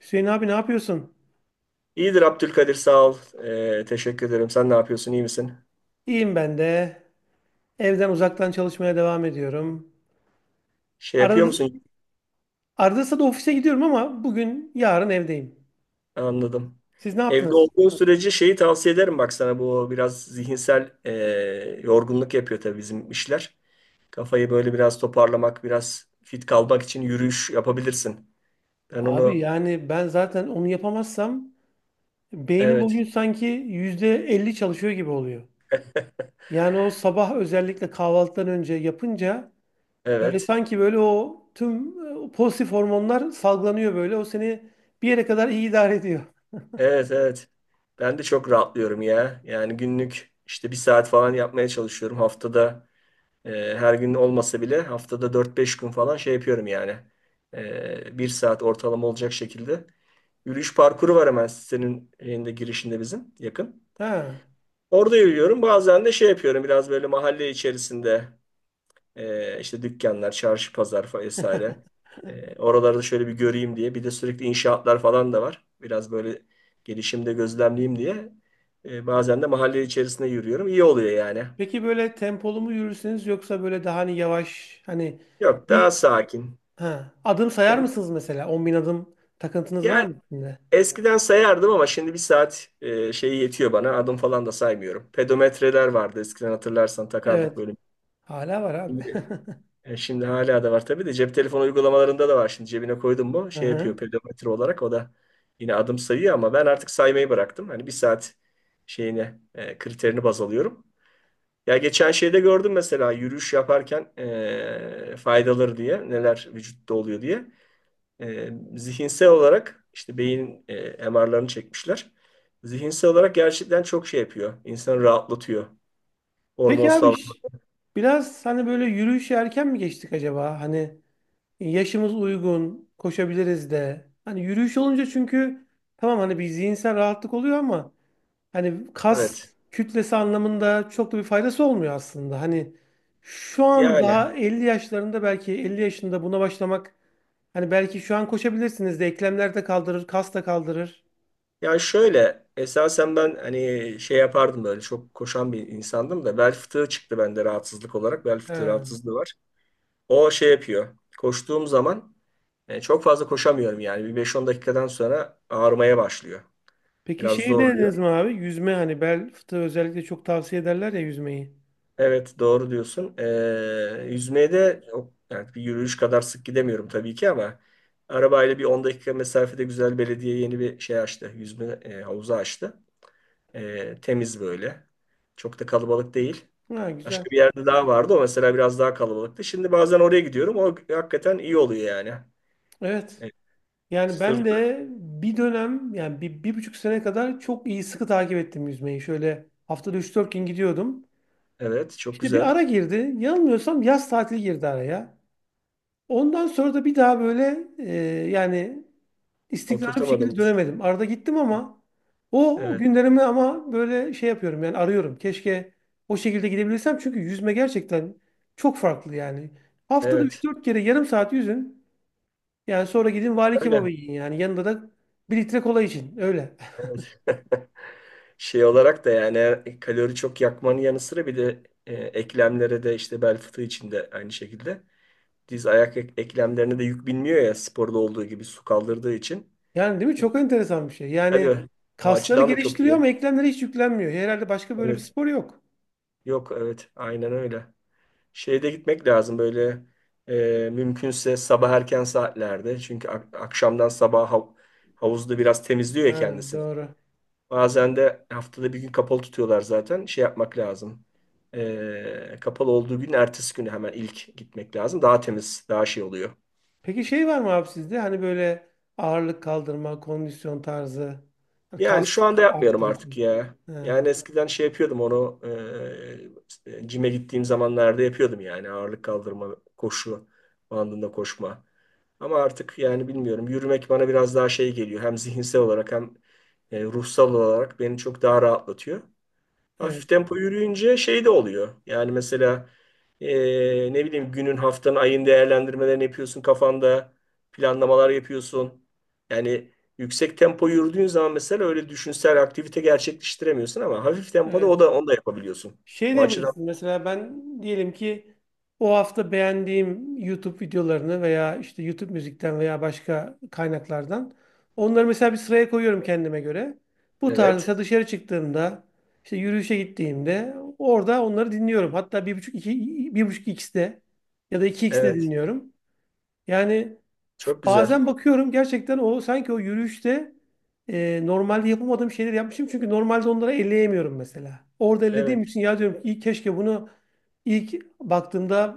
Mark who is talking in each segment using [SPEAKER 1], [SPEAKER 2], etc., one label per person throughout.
[SPEAKER 1] Hüseyin abi ne yapıyorsun?
[SPEAKER 2] İyidir Abdülkadir sağ ol. Teşekkür ederim. Sen ne yapıyorsun? İyi misin?
[SPEAKER 1] İyiyim ben de. Evden uzaktan çalışmaya devam ediyorum.
[SPEAKER 2] Şey yapıyor
[SPEAKER 1] Arada,
[SPEAKER 2] musun?
[SPEAKER 1] arada da ofise gidiyorum ama bugün yarın evdeyim.
[SPEAKER 2] Anladım.
[SPEAKER 1] Siz ne
[SPEAKER 2] Evde
[SPEAKER 1] yaptınız?
[SPEAKER 2] olduğun sürece şeyi tavsiye ederim bak sana bu biraz zihinsel yorgunluk yapıyor tabii bizim işler. Kafayı böyle biraz toparlamak, biraz fit kalmak için yürüyüş yapabilirsin. Ben
[SPEAKER 1] Abi
[SPEAKER 2] onu.
[SPEAKER 1] yani ben zaten onu yapamazsam beynim
[SPEAKER 2] Evet.
[SPEAKER 1] bugün sanki %50 çalışıyor gibi oluyor. Yani o sabah özellikle kahvaltıdan önce yapınca böyle
[SPEAKER 2] Evet,
[SPEAKER 1] sanki böyle o tüm pozitif hormonlar salgılanıyor böyle. O seni bir yere kadar iyi idare ediyor.
[SPEAKER 2] evet, evet. Ben de çok rahatlıyorum ya. Yani günlük işte bir saat falan yapmaya çalışıyorum haftada. E, Her gün olmasa bile haftada 4-5 gün falan şey yapıyorum yani. Bir saat ortalama olacak şekilde. Yürüyüş parkuru var hemen sitenin şeyinde, girişinde bizim yakın.
[SPEAKER 1] Ha.
[SPEAKER 2] Orada yürüyorum. Bazen de şey yapıyorum biraz böyle mahalle içerisinde işte dükkanlar, çarşı, pazar vesaire. Oraları da şöyle bir göreyim diye. Bir de sürekli inşaatlar falan da var. Biraz böyle gelişimde gözlemleyeyim diye. Bazen de mahalle içerisinde yürüyorum. İyi oluyor yani.
[SPEAKER 1] Peki böyle tempolu mu yürürsünüz yoksa böyle daha hani yavaş hani
[SPEAKER 2] Yok, daha
[SPEAKER 1] bir
[SPEAKER 2] sakin.
[SPEAKER 1] ha, adım sayar
[SPEAKER 2] Tem-
[SPEAKER 1] mısınız mesela? 10.000 adım takıntınız var
[SPEAKER 2] Yani,
[SPEAKER 1] mı içinde?
[SPEAKER 2] eskiden sayardım ama şimdi bir saat şeyi yetiyor bana. Adım falan da saymıyorum. Pedometreler vardı eskiden, hatırlarsan takardık
[SPEAKER 1] Evet.
[SPEAKER 2] böyle.
[SPEAKER 1] Hala var abi.
[SPEAKER 2] Şimdi, şimdi hala da var tabii de, cep telefonu uygulamalarında da var. Şimdi cebine koydum mu
[SPEAKER 1] Hı
[SPEAKER 2] şey yapıyor
[SPEAKER 1] hı.
[SPEAKER 2] pedometre olarak, o da yine adım sayıyor ama ben artık saymayı bıraktım. Hani bir saat şeyine kriterini baz alıyorum. Ya geçen şeyde gördüm mesela, yürüyüş yaparken faydaları diye neler vücutta oluyor diye. Zihinsel olarak işte beyin MR'larını çekmişler. Zihinsel olarak gerçekten çok şey yapıyor. İnsanı rahatlatıyor.
[SPEAKER 1] Peki abi
[SPEAKER 2] Hormonsal.
[SPEAKER 1] biraz hani böyle yürüyüşe erken mi geçtik acaba? Hani yaşımız uygun, koşabiliriz de. Hani yürüyüş olunca çünkü tamam hani bir zihinsel rahatlık oluyor ama hani kas
[SPEAKER 2] Evet.
[SPEAKER 1] kütlesi anlamında çok da bir faydası olmuyor aslında. Hani şu an
[SPEAKER 2] Yani,
[SPEAKER 1] daha 50 yaşlarında belki 50 yaşında buna başlamak hani belki şu an koşabilirsiniz de eklemler de kaldırır, kas da kaldırır.
[SPEAKER 2] ya şöyle esasen ben hani şey yapardım, böyle çok koşan bir insandım da bel fıtığı çıktı bende rahatsızlık olarak. Bel fıtığı
[SPEAKER 1] He.
[SPEAKER 2] rahatsızlığı var. O şey yapıyor. Koştuğum zaman çok fazla koşamıyorum yani. Bir 5-10 dakikadan sonra ağrımaya başlıyor.
[SPEAKER 1] Peki
[SPEAKER 2] Biraz
[SPEAKER 1] şeyi
[SPEAKER 2] zorluyor.
[SPEAKER 1] denediniz mi abi? Yüzme hani bel fıtığı özellikle çok tavsiye ederler ya yüzmeyi.
[SPEAKER 2] Evet, doğru diyorsun. Yüzmeye de yani bir yürüyüş kadar sık gidemiyorum tabii ki, ama arabayla bir 10 dakika mesafede güzel, belediye yeni bir şey açtı. Yüzme havuzu açtı. Temiz böyle. Çok da kalabalık değil.
[SPEAKER 1] Ha, güzel.
[SPEAKER 2] Başka bir yerde daha vardı. O mesela biraz daha kalabalıktı. Şimdi bazen oraya gidiyorum. O hakikaten iyi oluyor yani.
[SPEAKER 1] Evet.
[SPEAKER 2] Evet,
[SPEAKER 1] Yani ben
[SPEAKER 2] sırt,
[SPEAKER 1] de bir dönem yani bir, bir buçuk sene kadar çok iyi sıkı takip ettim yüzmeyi. Şöyle haftada üç dört gün gidiyordum.
[SPEAKER 2] evet, çok
[SPEAKER 1] İşte bir
[SPEAKER 2] güzel.
[SPEAKER 1] ara girdi. Yanılmıyorsam yaz tatili girdi araya. Ondan sonra da bir daha böyle yani istikrarlı bir şekilde
[SPEAKER 2] Oturtamadım.
[SPEAKER 1] dönemedim. Arada gittim ama o
[SPEAKER 2] Evet,
[SPEAKER 1] günlerimi ama böyle şey yapıyorum yani arıyorum. Keşke o şekilde gidebilirsem çünkü yüzme gerçekten çok farklı yani. Haftada üç
[SPEAKER 2] evet.
[SPEAKER 1] dört kere yarım saat yüzün. Yani sonra gidin vali
[SPEAKER 2] Öyle.
[SPEAKER 1] kebabı yiyin yani yanında da bir litre kola için öyle.
[SPEAKER 2] Evet. Şey olarak da yani kalori çok yakmanın yanı sıra bir de eklemlere de, işte bel fıtığı için de aynı şekilde diz ayak eklemlerine de yük binmiyor ya, sporda olduğu gibi, su kaldırdığı için.
[SPEAKER 1] Yani değil mi?
[SPEAKER 2] E,
[SPEAKER 1] Çok enteresan bir şey. Yani
[SPEAKER 2] tabii o
[SPEAKER 1] kasları
[SPEAKER 2] açıdan da çok
[SPEAKER 1] geliştiriyor
[SPEAKER 2] iyi.
[SPEAKER 1] ama eklemlere hiç yüklenmiyor. Herhalde başka böyle bir
[SPEAKER 2] Evet.
[SPEAKER 1] spor yok.
[SPEAKER 2] Yok, evet, aynen öyle. Şeyde gitmek lazım böyle mümkünse sabah erken saatlerde. Çünkü akşamdan sabah havuzda biraz temizliyor ya
[SPEAKER 1] Ha,
[SPEAKER 2] kendisini.
[SPEAKER 1] doğru.
[SPEAKER 2] Bazen de haftada bir gün kapalı tutuyorlar zaten. Şey yapmak lazım. Kapalı olduğu gün ertesi günü hemen ilk gitmek lazım. Daha temiz, daha şey oluyor.
[SPEAKER 1] Peki şey var mı abi sizde? Hani böyle ağırlık kaldırma, kondisyon tarzı, hani
[SPEAKER 2] Yani
[SPEAKER 1] kas
[SPEAKER 2] şu anda yapmıyorum
[SPEAKER 1] arttırıcı.
[SPEAKER 2] artık ya.
[SPEAKER 1] Ha,
[SPEAKER 2] Yani eskiden şey yapıyordum onu, cime gittiğim zamanlarda yapıyordum yani. Ağırlık kaldırma, koşu bandında koşma. Ama artık yani bilmiyorum, yürümek bana biraz daha şey geliyor. Hem zihinsel olarak hem ruhsal olarak beni çok daha rahatlatıyor. Hafif
[SPEAKER 1] evet,
[SPEAKER 2] tempo yürüyünce şey de oluyor. Yani mesela, ne bileyim günün, haftanın, ayın değerlendirmelerini yapıyorsun kafanda, planlamalar yapıyorsun. Yani yüksek tempo yürüdüğün zaman mesela öyle düşünsel aktivite gerçekleştiremiyorsun ama hafif tempoda o
[SPEAKER 1] evet.
[SPEAKER 2] da onu da yapabiliyorsun.
[SPEAKER 1] Şey
[SPEAKER 2] O açıdan
[SPEAKER 1] diyebilirsin mesela ben diyelim ki o hafta beğendiğim YouTube videolarını veya işte YouTube müzikten veya başka kaynaklardan onları mesela bir sıraya koyuyorum kendime göre. Bu tarz
[SPEAKER 2] evet,
[SPEAKER 1] mesela dışarı çıktığımda işte yürüyüşe gittiğimde orada onları dinliyorum. Hatta 1.5 2 1.5 x'de ya da 2x'de
[SPEAKER 2] evet,
[SPEAKER 1] dinliyorum. Yani
[SPEAKER 2] çok güzel.
[SPEAKER 1] bazen bakıyorum gerçekten o sanki o yürüyüşte normalde yapamadığım şeyleri yapmışım. Çünkü normalde onları elleyemiyorum mesela. Orada ellediğim
[SPEAKER 2] Evet,
[SPEAKER 1] için ya diyorum ki iyi keşke bunu ilk baktığımda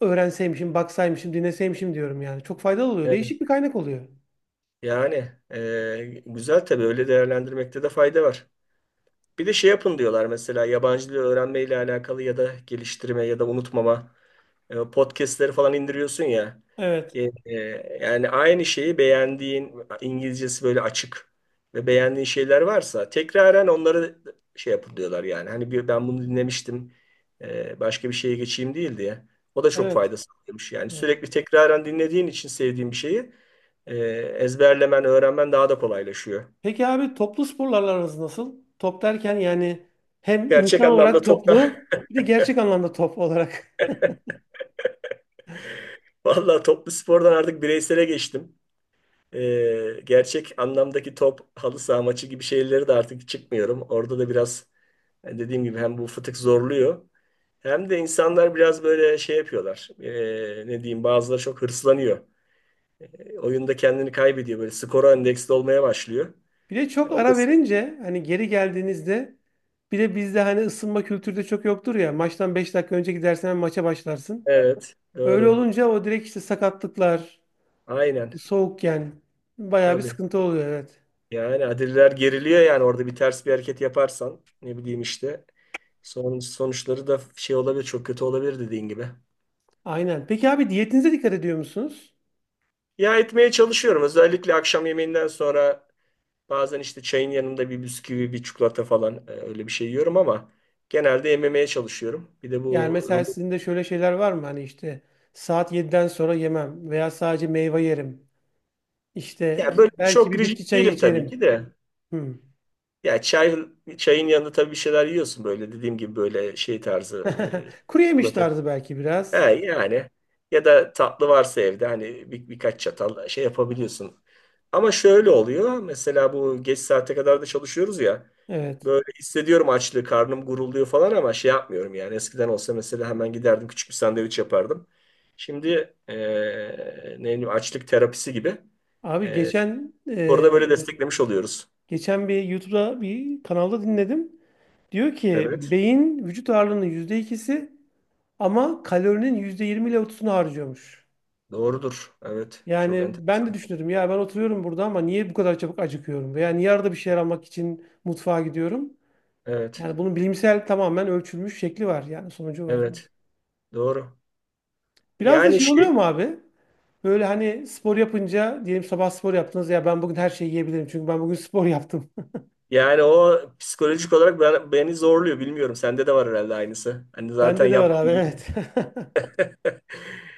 [SPEAKER 1] öğrenseymişim, baksaymışım, dinleseymişim diyorum yani. Çok faydalı oluyor.
[SPEAKER 2] evet.
[SPEAKER 1] Değişik bir kaynak oluyor.
[SPEAKER 2] Yani, güzel tabii, öyle değerlendirmekte de fayda var. Bir de şey yapın diyorlar mesela, yabancı dil öğrenmeyle alakalı ya da geliştirme ya da unutmama podcastleri falan indiriyorsun ya.
[SPEAKER 1] Evet,
[SPEAKER 2] Yani aynı şeyi, beğendiğin İngilizcesi böyle açık ve beğendiğin şeyler varsa tekraren onları şey yapın diyorlar yani. Hani ben bunu dinlemiştim, başka bir şeye geçeyim değil diye. O da çok
[SPEAKER 1] evet.
[SPEAKER 2] fayda sağlamış yani.
[SPEAKER 1] Evet.
[SPEAKER 2] Sürekli tekraren dinlediğin için sevdiğin bir şeyi e, ezberlemen, öğrenmen daha da kolaylaşıyor.
[SPEAKER 1] Peki abi toplu sporlarla aranız nasıl? Top derken yani hem
[SPEAKER 2] Gerçek
[SPEAKER 1] insan
[SPEAKER 2] anlamda
[SPEAKER 1] olarak
[SPEAKER 2] toptan.
[SPEAKER 1] toplu bir de gerçek anlamda top olarak.
[SPEAKER 2] Valla, toplu spordan artık bireysele geçtim. Gerçek anlamdaki top, halı saha maçı gibi şeyleri de artık çıkmıyorum. Orada da biraz, yani dediğim gibi hem bu fıtık zorluyor hem de insanlar biraz böyle şey yapıyorlar. Ne diyeyim, bazıları çok hırslanıyor. Oyunda kendini kaybediyor, böyle skora endeksli olmaya başlıyor.
[SPEAKER 1] Bir de çok
[SPEAKER 2] Onu da
[SPEAKER 1] ara verince hani geri geldiğinizde bir de bizde hani ısınma kültürü de çok yoktur ya. Maçtan 5 dakika önce gidersen hemen maça başlarsın.
[SPEAKER 2] evet,
[SPEAKER 1] Öyle
[SPEAKER 2] doğru,
[SPEAKER 1] olunca o direkt işte sakatlıklar,
[SPEAKER 2] aynen,
[SPEAKER 1] soğukken bayağı bir
[SPEAKER 2] tabii.
[SPEAKER 1] sıkıntı oluyor, evet.
[SPEAKER 2] Yani Adiller geriliyor yani, orada bir ters bir hareket yaparsan ne bileyim işte sonuçları da şey olabilir, çok kötü olabilir dediğin gibi.
[SPEAKER 1] Aynen. Peki abi diyetinize dikkat ediyor musunuz?
[SPEAKER 2] Ya, etmeye çalışıyorum özellikle akşam yemeğinden sonra, bazen işte çayın yanında bir bisküvi, bir çikolata falan öyle bir şey yiyorum ama genelde yememeye çalışıyorum. Bir de
[SPEAKER 1] Yani
[SPEAKER 2] bu
[SPEAKER 1] mesela
[SPEAKER 2] rumu-
[SPEAKER 1] sizin de şöyle şeyler var mı? Hani işte saat 7'den sonra yemem veya sadece meyve yerim. İşte
[SPEAKER 2] ya, böyle
[SPEAKER 1] belki
[SPEAKER 2] çok
[SPEAKER 1] bir
[SPEAKER 2] rigid
[SPEAKER 1] bitki çayı
[SPEAKER 2] değilim tabii
[SPEAKER 1] içerim.
[SPEAKER 2] ki de.
[SPEAKER 1] Hmm.
[SPEAKER 2] Ya, çayın yanında tabii bir şeyler yiyorsun böyle, dediğim gibi böyle şey tarzı, e,
[SPEAKER 1] Kuru yemiş
[SPEAKER 2] çikolata.
[SPEAKER 1] tarzı belki
[SPEAKER 2] He,
[SPEAKER 1] biraz.
[SPEAKER 2] yani ya da tatlı varsa evde, hani birkaç çatal şey yapabiliyorsun. Ama şöyle oluyor mesela, bu geç saate kadar da çalışıyoruz ya,
[SPEAKER 1] Evet.
[SPEAKER 2] böyle hissediyorum açlığı, karnım gurulduyor falan ama şey yapmıyorum yani. Eskiden olsa mesela hemen giderdim, küçük bir sandviç yapardım. Şimdi ne bileyim, açlık terapisi gibi
[SPEAKER 1] Abi,
[SPEAKER 2] eee
[SPEAKER 1] geçen
[SPEAKER 2] orada böyle desteklemiş oluyoruz.
[SPEAKER 1] Geçen bir YouTube'da bir kanalda dinledim. Diyor ki
[SPEAKER 2] Evet,
[SPEAKER 1] beyin vücut ağırlığının %2'si ama kalorinin %20 ile 30'unu harcıyormuş.
[SPEAKER 2] doğrudur, evet, çok
[SPEAKER 1] Yani ben de
[SPEAKER 2] enteresan.
[SPEAKER 1] düşünüyordum ya ben oturuyorum burada ama niye bu kadar çabuk acıkıyorum? Veya niye arada bir şeyler almak için mutfağa gidiyorum?
[SPEAKER 2] Evet,
[SPEAKER 1] Yani bunun bilimsel tamamen ölçülmüş şekli var yani sonucu var.
[SPEAKER 2] evet, doğru.
[SPEAKER 1] Biraz da
[SPEAKER 2] Yani
[SPEAKER 1] şey
[SPEAKER 2] şey
[SPEAKER 1] oluyor mu abi? Böyle hani spor yapınca diyelim sabah spor yaptınız ya ben bugün her şeyi yiyebilirim çünkü ben bugün spor yaptım.
[SPEAKER 2] Yani o psikolojik olarak beni zorluyor. Bilmiyorum. Sende de var herhalde aynısı. Hani zaten
[SPEAKER 1] Bende de var
[SPEAKER 2] yaptım,
[SPEAKER 1] abi,
[SPEAKER 2] iyi.
[SPEAKER 1] evet.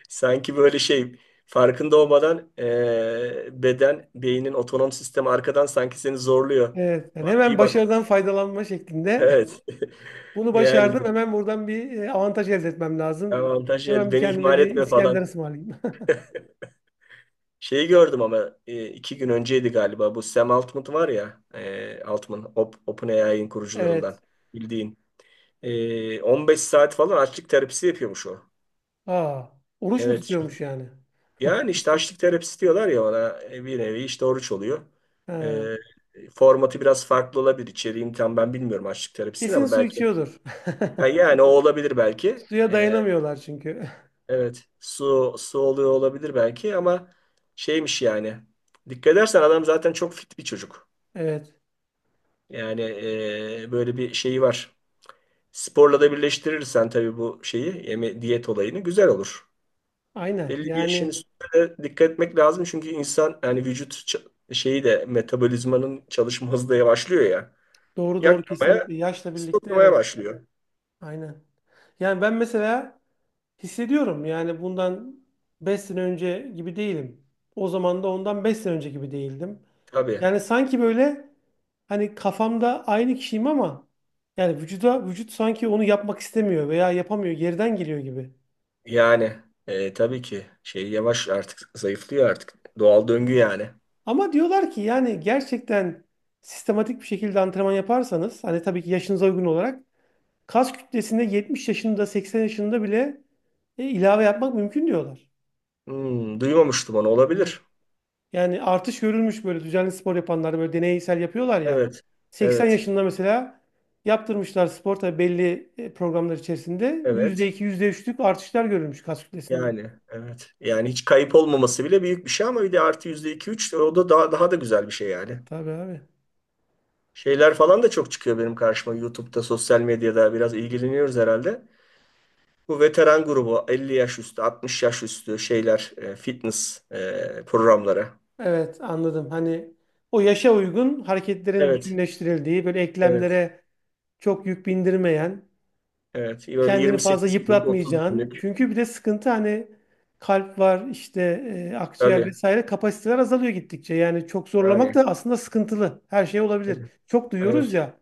[SPEAKER 2] Sanki böyle şey, farkında olmadan beynin otonom sistemi arkadan sanki seni zorluyor.
[SPEAKER 1] Evet, yani
[SPEAKER 2] Bak,
[SPEAKER 1] hemen
[SPEAKER 2] iyi bak.
[SPEAKER 1] başarıdan faydalanma şeklinde.
[SPEAKER 2] Evet.
[SPEAKER 1] Bunu
[SPEAKER 2] Yani
[SPEAKER 1] başardım,
[SPEAKER 2] bu
[SPEAKER 1] hemen buradan bir avantaj elde etmem lazım.
[SPEAKER 2] avantaj,
[SPEAKER 1] Hemen bir
[SPEAKER 2] beni
[SPEAKER 1] kendime
[SPEAKER 2] ihmal
[SPEAKER 1] bir
[SPEAKER 2] etme
[SPEAKER 1] İskender
[SPEAKER 2] falan.
[SPEAKER 1] ısmarlayayım.
[SPEAKER 2] Şeyi gördüm ama 2 gün önceydi galiba. Bu Sam Altman var ya, Altman, OpenAI'nin kurucularından
[SPEAKER 1] Evet.
[SPEAKER 2] bildiğin. 15 saat falan açlık terapisi yapıyormuş o.
[SPEAKER 1] Aa, oruç mu
[SPEAKER 2] Evet.
[SPEAKER 1] tutuyormuş yani?
[SPEAKER 2] Yani işte açlık terapisi diyorlar ya ona, bir nevi işte oruç oluyor.
[SPEAKER 1] Ha,
[SPEAKER 2] Ee, Formatı biraz farklı olabilir. İçeriğini tam ben bilmiyorum açlık terapisini
[SPEAKER 1] kesin
[SPEAKER 2] ama
[SPEAKER 1] su
[SPEAKER 2] belki.
[SPEAKER 1] içiyordur.
[SPEAKER 2] Ha, yani o olabilir belki.
[SPEAKER 1] Suya dayanamıyorlar çünkü.
[SPEAKER 2] Evet. Su oluyor olabilir belki ama şeymiş yani. Dikkat edersen adam zaten çok fit bir çocuk.
[SPEAKER 1] Evet,
[SPEAKER 2] Yani böyle bir şeyi var. Sporla da birleştirirsen tabii bu şeyi, yeme diyet olayını güzel olur.
[SPEAKER 1] aynen.
[SPEAKER 2] Belli bir yaşın
[SPEAKER 1] Yani
[SPEAKER 2] üstüne de dikkat etmek lazım. Çünkü insan, yani vücut, şeyi de, metabolizmanın çalışma hızı da yavaşlıyor ya.
[SPEAKER 1] doğru doğru
[SPEAKER 2] Yakmaya,
[SPEAKER 1] kesinlikle. Yaşla birlikte,
[SPEAKER 2] stoklamaya
[SPEAKER 1] evet,
[SPEAKER 2] başlıyor.
[SPEAKER 1] aynen. Yani ben mesela hissediyorum yani bundan 5 sene önce gibi değilim. O zaman da ondan 5 sene önce gibi değildim.
[SPEAKER 2] Tabii.
[SPEAKER 1] Yani sanki böyle hani kafamda aynı kişiyim ama yani vücut sanki onu yapmak istemiyor veya yapamıyor, geriden geliyor gibi.
[SPEAKER 2] Yani tabii ki şey, yavaş artık zayıflıyor artık. Doğal döngü yani.
[SPEAKER 1] Ama diyorlar ki yani gerçekten sistematik bir şekilde antrenman yaparsanız hani tabii ki yaşınıza uygun olarak kas kütlesinde 70 yaşında 80 yaşında bile ilave yapmak mümkün diyorlar.
[SPEAKER 2] Hmm, duymamıştım onu,
[SPEAKER 1] Evet.
[SPEAKER 2] olabilir.
[SPEAKER 1] Yani artış görülmüş böyle düzenli spor yapanlar böyle deneysel yapıyorlar ya.
[SPEAKER 2] Evet.
[SPEAKER 1] 80
[SPEAKER 2] Evet.
[SPEAKER 1] yaşında mesela yaptırmışlar spor tabii belli programlar içerisinde. yüzde
[SPEAKER 2] Evet.
[SPEAKER 1] iki yüzde üçlük artışlar görülmüş kas kütlesinde.
[SPEAKER 2] Yani evet. Yani hiç kayıp olmaması bile büyük bir şey ama bir de artı %2-3, o da daha da güzel bir şey yani.
[SPEAKER 1] Tabii abi.
[SPEAKER 2] Şeyler falan da çok çıkıyor benim karşıma YouTube'da, sosyal medyada, biraz ilgileniyoruz herhalde. Bu veteran grubu 50 yaş üstü, 60 yaş üstü şeyler, fitness programları.
[SPEAKER 1] Evet, anladım. Hani o yaşa uygun hareketlerin
[SPEAKER 2] Evet,
[SPEAKER 1] bütünleştirildiği böyle
[SPEAKER 2] evet,
[SPEAKER 1] eklemlere çok yük bindirmeyen
[SPEAKER 2] evet. Böyle
[SPEAKER 1] kendini fazla
[SPEAKER 2] 28 günlük, 30
[SPEAKER 1] yıpratmayacağın.
[SPEAKER 2] günlük.
[SPEAKER 1] Çünkü bir de sıkıntı hani kalp var işte akciğer
[SPEAKER 2] Tabii,
[SPEAKER 1] vesaire kapasiteler azalıyor gittikçe. Yani çok zorlamak
[SPEAKER 2] yani.
[SPEAKER 1] da aslında sıkıntılı. Her şey olabilir.
[SPEAKER 2] Tabii.
[SPEAKER 1] Çok duyuyoruz
[SPEAKER 2] Evet,
[SPEAKER 1] ya.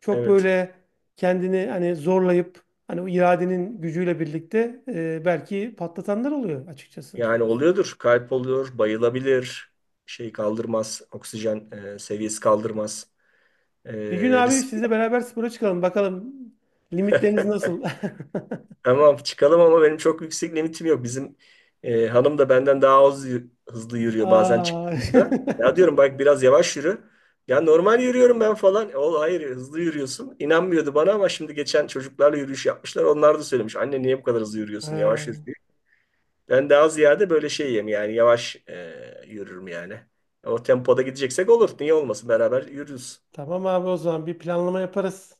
[SPEAKER 1] Çok
[SPEAKER 2] evet.
[SPEAKER 1] böyle kendini hani zorlayıp hani o iradenin gücüyle birlikte belki patlatanlar oluyor açıkçası.
[SPEAKER 2] Yani oluyordur. Kalp oluyor, bayılabilir. Şey kaldırmaz, oksijen seviyesi kaldırmaz. E,
[SPEAKER 1] Bir gün abi
[SPEAKER 2] Risk.
[SPEAKER 1] sizle beraber spora çıkalım. Bakalım limitleriniz nasıl?
[SPEAKER 2] Tamam, çıkalım ama benim çok yüksek limitim yok. Bizim hanım da benden daha az hızlı yürüyor bazen
[SPEAKER 1] Aa.
[SPEAKER 2] çıktığımızda. Ya, diyorum bak biraz yavaş yürü. Ya, normal yürüyorum ben falan. O hayır, hızlı yürüyorsun. İnanmıyordu bana ama şimdi geçen çocuklarla yürüyüş yapmışlar. Onlar da söylemiş. Anne, niye bu kadar hızlı yürüyorsun?
[SPEAKER 1] Ha,
[SPEAKER 2] Yavaş yürü diye. Ben daha ziyade böyle şeyim yani, yavaş yürürüm yani. O tempoda gideceksek olur. Niye olmasın? Beraber yürürüz.
[SPEAKER 1] tamam abi, o zaman bir planlama yaparız.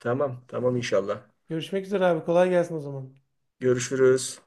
[SPEAKER 2] Tamam, tamam, inşallah.
[SPEAKER 1] Görüşmek üzere abi. Kolay gelsin o zaman.
[SPEAKER 2] Görüşürüz.